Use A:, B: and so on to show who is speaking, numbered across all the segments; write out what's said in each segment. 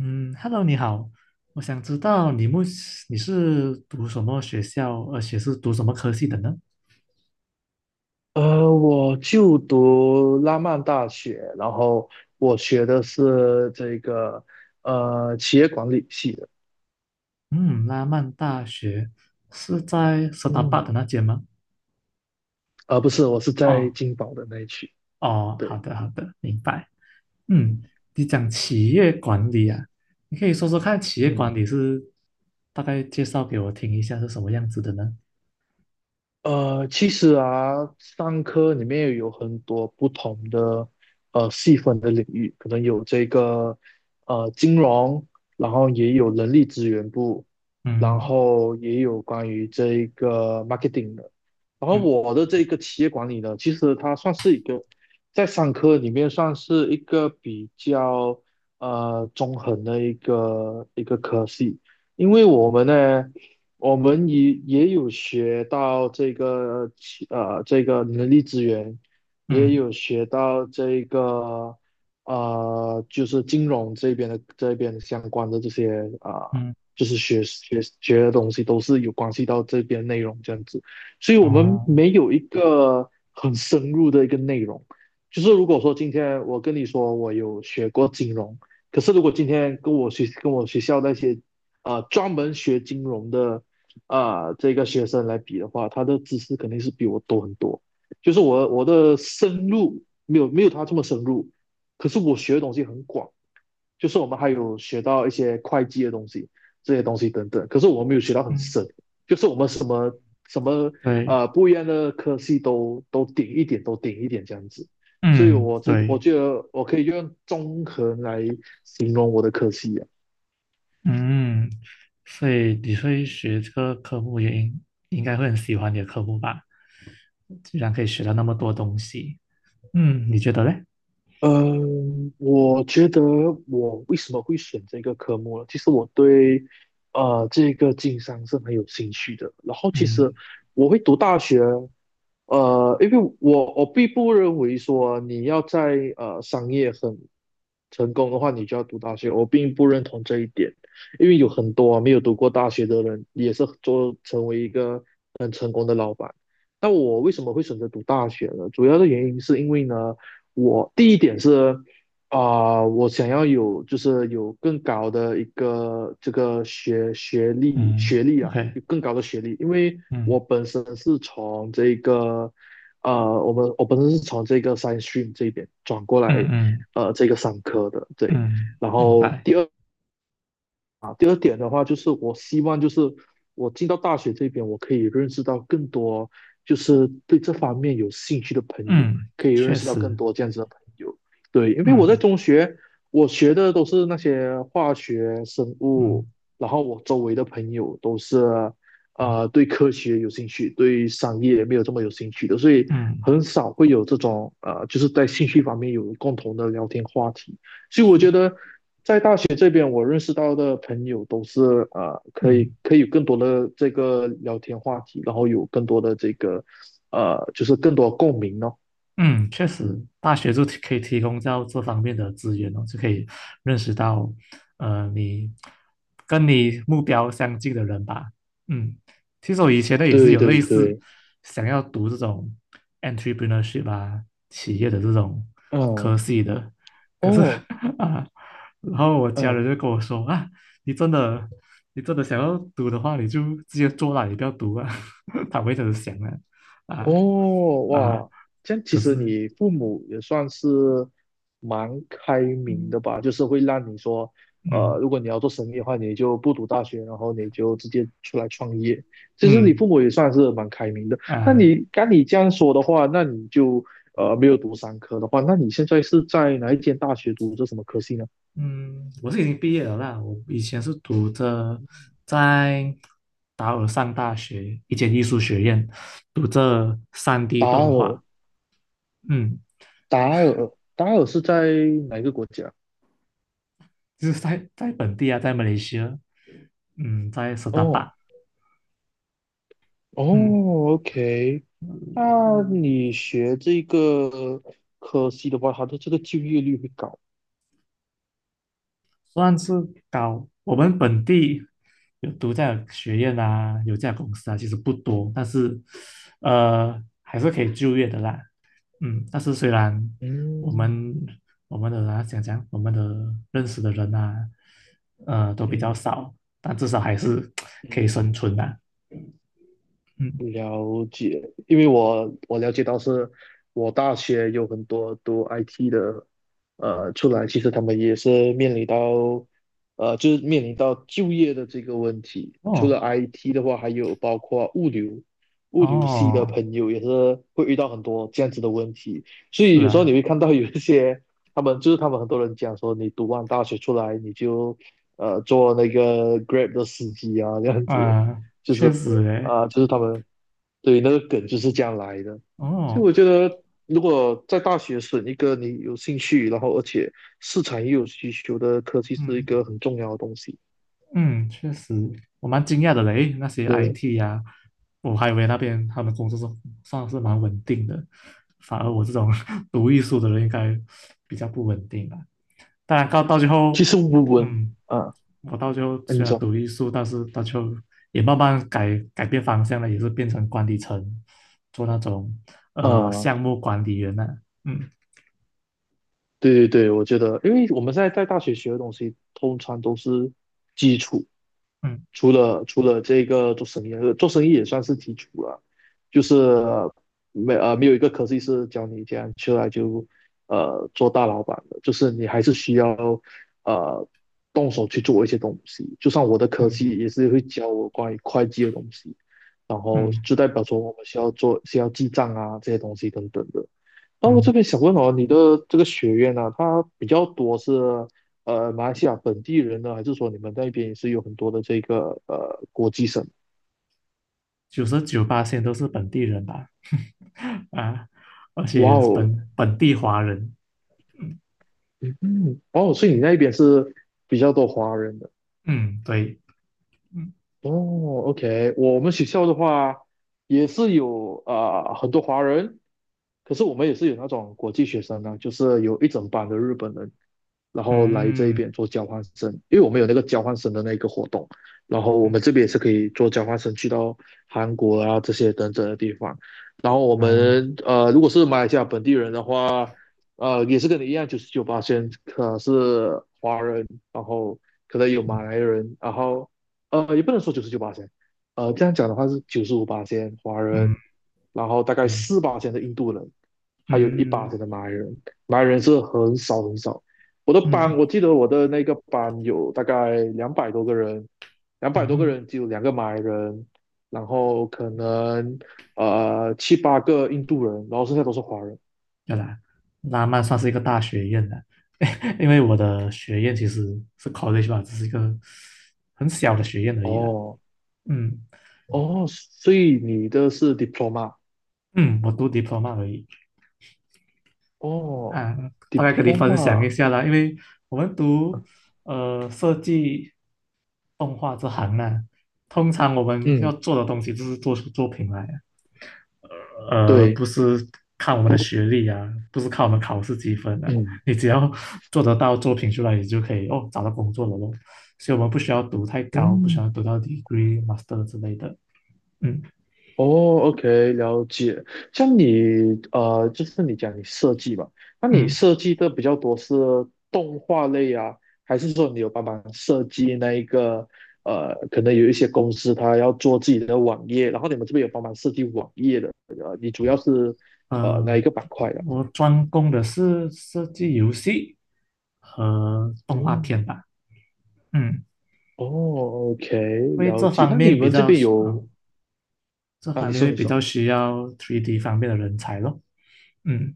A: 嗯，Hello，你好，我想知道你目你是读什么学校，而且是读什么科系的呢？
B: 我就读拉曼大学，然后我学的是这个企业管理系的。
A: 嗯，拉曼大学是在斯达
B: 嗯，
A: 巴的那间吗？
B: 不是，我是在
A: 哦
B: 金宝的那一区。
A: 哦，好
B: 对。
A: 的好的，明白。
B: 嗯
A: 嗯，你讲企业管理啊，你可以说说看企业管
B: 嗯
A: 理是，大概介绍给我听一下是什么样子的呢？
B: 其实啊，商科里面有很多不同的细分的领域，可能有这个金融，然后也有人力资源部，然
A: 嗯
B: 后也有关于这个 marketing 的。然后
A: 嗯
B: 我的这个企业管理呢，其实它算是一个在商科里面算是一个比较中横的一个科系，因为我们呢，我们也有学到这个这个人力资源，也
A: 嗯
B: 有学到这个就是金融这边的这边相关的这些
A: 嗯，
B: 就是学的东西都是有关系到这边内容这样子。所以我们
A: 哦，
B: 没有一个很深入的一个内容。就是如果说今天我跟你说我有学过金融，可是如果今天跟我学跟我学校那些专门学金融的这个学生来比的话，他的知识肯定是比我多很多。就是我的深入没有他这么深入，可是我学的东西很广。就是我们还有学到一些会计的东西，这些东西等等。可是我们没有学到很
A: 嗯，
B: 深，就是我们什么什么
A: 对，
B: 呃不一样的科系都顶一点，都顶一点这样子。所以
A: 嗯
B: 我这个我
A: 对。
B: 觉得我可以用综合来形容我的科系啊。
A: 嗯，所以你会学这个科目也应该会很喜欢你的科目吧？居然可以学到那么多东西，嗯，你觉得嘞？
B: 嗯，我觉得我为什么会选这个科目呢？其实我对这个经商是很有兴趣的。然后其实
A: 嗯
B: 我会读大学，因为我并不认为说你要在商业很成功的话，你就要读大学。我并不认同这一点，因为有很多啊没有读过大学的人也是做成为一个很成功的老板。那我为什么会选择读大学呢？主要的原因是因为呢。我第一点是我想要有就是有更高的一个这个学学历
A: 嗯
B: 学历啊，
A: ，OK，
B: 有更高的学历，因为我
A: 嗯
B: 本身是从这个我本身是从这个 science stream 这边转过
A: 嗯
B: 来
A: 嗯
B: 这个商科的。对。
A: 嗯，
B: 然
A: 明
B: 后
A: 白，
B: 第二点的话就是我希望就是我进到大学这边，我可以认识到更多就是对这方面有兴趣的朋友，
A: 嗯，
B: 可以认
A: 确
B: 识到更
A: 实，
B: 多这样子的朋友。对，因为我在
A: 嗯
B: 中学我学的都是那些化学、生物，
A: 嗯
B: 然后我周围的朋友都是对科学有兴趣，对商业没有这么有兴趣的，所以
A: 嗯，
B: 很少会有这种就是在兴趣方面有共同的聊天话题。所以我
A: 确，
B: 觉得这边我认识到的朋友都是可以
A: 嗯。
B: 可以有更多的这个聊天话题，然后有更多的这个就是更多共鸣哦。
A: 嗯，确实，大学可以提供到这方面的资源哦，就可以认识到，呃，你跟你目标相近的人吧。嗯，其实我以前呢也是
B: 对
A: 有
B: 对
A: 类似
B: 对。
A: 想要读这种 entrepreneurship 啊，企业的这种
B: 嗯。
A: 科系的，可是
B: 哦。
A: 啊，然后我家人
B: 嗯。
A: 就跟我说啊，你真的你真的想要读的话，你就直接做啦，你不要读啊。他们会这直想啊啊
B: 哦，
A: 啊，
B: 哇，这样其
A: 可
B: 实
A: 是。
B: 你父母也算是蛮开明
A: 嗯
B: 的吧，就是会让你说，
A: 嗯
B: 如果你要做生意的话，你就不读大学，然后你就直接出来创业。其实你
A: 嗯
B: 父母也算是蛮开明的。那
A: 啊
B: 你刚你这样说的话，那你就没有读商科的话，那你现在是在哪一间大学读这什么科系呢？
A: 嗯，我是已经毕业了啦。我以前是读着在达尔上大学一间艺术学院，读着三 d
B: 达
A: 动
B: 尔，
A: 画。嗯，
B: 达尔，达尔是在哪一个国家？
A: 就是在本地啊，在马来西亚，嗯，在斯达
B: 哦。
A: 达。嗯，
B: 哦，OK。那你学这个科系的话，它的这个就业率会高。
A: 算是高。我们本地有这样的学院啊，有这样的公司啊，其实不
B: 嗯
A: 多，但是还是可以就业的啦。嗯，但是虽然我
B: 嗯
A: 们我们的啊讲讲我们的认识的人呐，都比较
B: 嗯。
A: 少，但至少还是可以
B: 嗯，
A: 生存的。嗯，
B: 了解，因为我了解到是，我大学有很多读 IT 的，出来其实他们也是面临到，就是面临到就业的这个问题。除
A: 哦
B: 了 IT 的话，还有包括物流，物流系的
A: 哦，
B: 朋友也是会遇到很多这样子的问题。所
A: 是
B: 以有时候你
A: 啊，
B: 会看到有一些他们很多人讲说，你读完大学出来你就做那个 Grab 的司机啊这样子。
A: 啊、
B: 就是
A: 确实诶，
B: 就是他们对，那个梗就是这样来的。所以
A: 哦，
B: 我觉得，如果在大学选一个你有兴趣，然后而且市场也有需求的科技，是一
A: 嗯。
B: 个很重要的东西。
A: 嗯，确实，我蛮惊讶的嘞。那些
B: 对，
A: IT 呀、我还以为那边他们工作算是蛮稳定的，反而我这种 读艺术的人应该比较不稳定吧，当然，到最后，
B: 其实我文
A: 嗯，
B: 啊，
A: 我到最后
B: 那你
A: 虽然
B: 说
A: 读艺术，但是到最后也慢慢改变方向了，也是变成管理层，做那种
B: 啊，
A: 项目管理员了、嗯
B: 对对对，我觉得，因为我们现在在大学学的东西，通常都是基础，
A: 嗯
B: 除了这个做生意，做生意也算是基础了，就是没有一个科技是教你这样出来就做大老板的，就是你还是需要呃动手去做一些东西。就像我的科技
A: 嗯
B: 也是会教我关于会计的东西，然
A: 嗯
B: 后
A: 嗯。
B: 就代表说我们需要记账啊这些东西等等的。那我
A: 嗯
B: 这边想问哦，你的这个学院呢、啊它比较多是马来西亚本地人呢，还是说你们那边也是有很多的这个国际生？
A: 九十九八线都是本地人吧，啊，而
B: 哇
A: 且
B: 哦。
A: 本地华人，
B: 嗯，哦，所以你
A: 嗯，
B: 那边是比较多华人的。
A: 嗯对，嗯
B: 哦，OK,我们学校的话也是有很多华人，可是我们也是有那种国际学生呢，就是有一整班的日本人，然后来这一
A: 嗯
B: 边做交换生，因为我们有那个交换生的那个活动，然后我们
A: 嗯
B: 这边也是可以做交换生去到韩国啊这些等等的地方，然后我
A: 啊
B: 们如果是马来西亚本地人的话，也是跟你一样，九十九八千可是华人，然后可能有
A: 嗯
B: 马来人，然后。也不能说九十九八仙，这样讲的话是九十五八仙华
A: 嗯，
B: 人，然后大概
A: 对，
B: 四八仙的印度人，还有一八
A: 嗯
B: 仙的马来人，马来人是很少很少。我的班，
A: 嗯
B: 我记得我的那个班有大概两百多个人，两百多个
A: 嗯，
B: 人只有两个马来人，然后可能七八个印度人，然后剩下都是华人。
A: 对啦，拉曼算是一个大学院的，因为我的学院其实是 college 吧，只是一个很小的学院而已啦，
B: 哦
A: 嗯
B: 哦，所以你的是 diploma
A: 嗯，我读 diploma 而已。
B: 哦
A: 嗯，大概跟你分享一
B: ，diploma。
A: 下啦，因为我们读设计动画这行呢，通常我们要
B: 嗯，
A: 做的东西就是做出作品来啊
B: 对。
A: 不是看我们的学历啊，不是看我们考试积分的，
B: 嗯
A: 你只要做得到作品出来，你就可以哦找到工作了咯。所以我们不需要读太高，不需
B: 嗯，
A: 要读到 degree、master 之类的。嗯
B: 哦，OK,了解。像你就是你讲你设计吧，那你
A: 嗯，
B: 设计的比较多是动画类啊，还是说你有帮忙设计那一个可能有一些公司它要做自己的网页，然后你们这边有帮忙设计网页的，你主要是哪一
A: 呃，
B: 个板块的？
A: 我专攻的是设计游戏和动画片
B: 嗯，
A: 吧。嗯，
B: 哦，OK,
A: 因为
B: 了解。那你们这边有
A: 这
B: 啊？
A: 方
B: 你
A: 面
B: 说，
A: 会
B: 你
A: 比
B: 说。
A: 较需要三 d 方面的人才咯。嗯，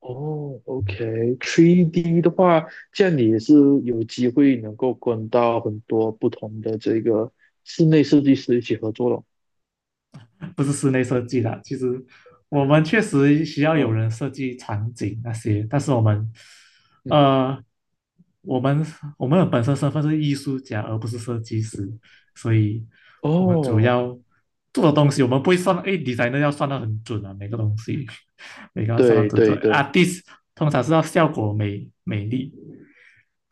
B: 哦OK，3D 的话，这样你也是有机会能够跟到很多不同的这个室内设计师一起合作了。
A: 不是室内设计啦，其实我们确实需要有
B: 嗯
A: 人设计场景那些，但是
B: 嗯。
A: 呃，我们我们的本身身份是艺术家，而不是设计师，所以我们主
B: 哦。
A: 要做的东西，我们不会算，诶 d e s 要算的很准啊，每个东西 每个要算的
B: 对
A: 准准。
B: 对对
A: artist 通常是要效果美丽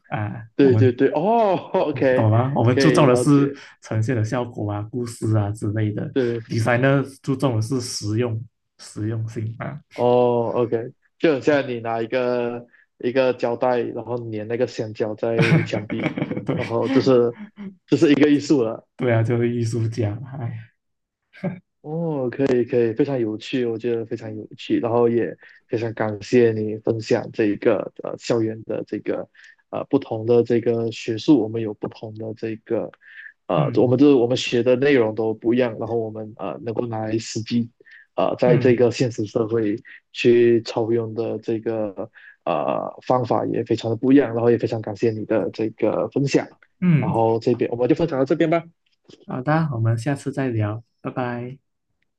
A: 啊，我
B: 对对
A: 们
B: 对。哦，OK,
A: 懂吗？我们
B: 可
A: 注
B: 以
A: 重的
B: 了
A: 是
B: 解。
A: 呈现的效果啊、故事啊之类的
B: 对。
A: ，designer 注重的是实用、实用性啊。
B: 哦，OK,就很
A: 嗯
B: 像你拿一个一个胶带，然后粘那个香蕉在墙壁，
A: 对，
B: 然后这是一个艺术了。
A: 对啊，就是艺术家嘛。哎，
B: 哦，可以可以，非常有趣，我觉得非常有趣，然后也非常感谢你分享这一个校园的这个不同的这个学术，我们有不同的这个
A: 嗯
B: 我们学的内容都不一样，然后我们能够拿来实际在这
A: 嗯
B: 个现实社会去操用的这个方法也非常的不一样，然后也非常感谢你的这个分享，然
A: 嗯，
B: 后这边我们就分享到这边吧。
A: 好的，我们下次再聊，拜拜。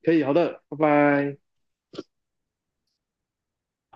B: 可以，好的，拜拜。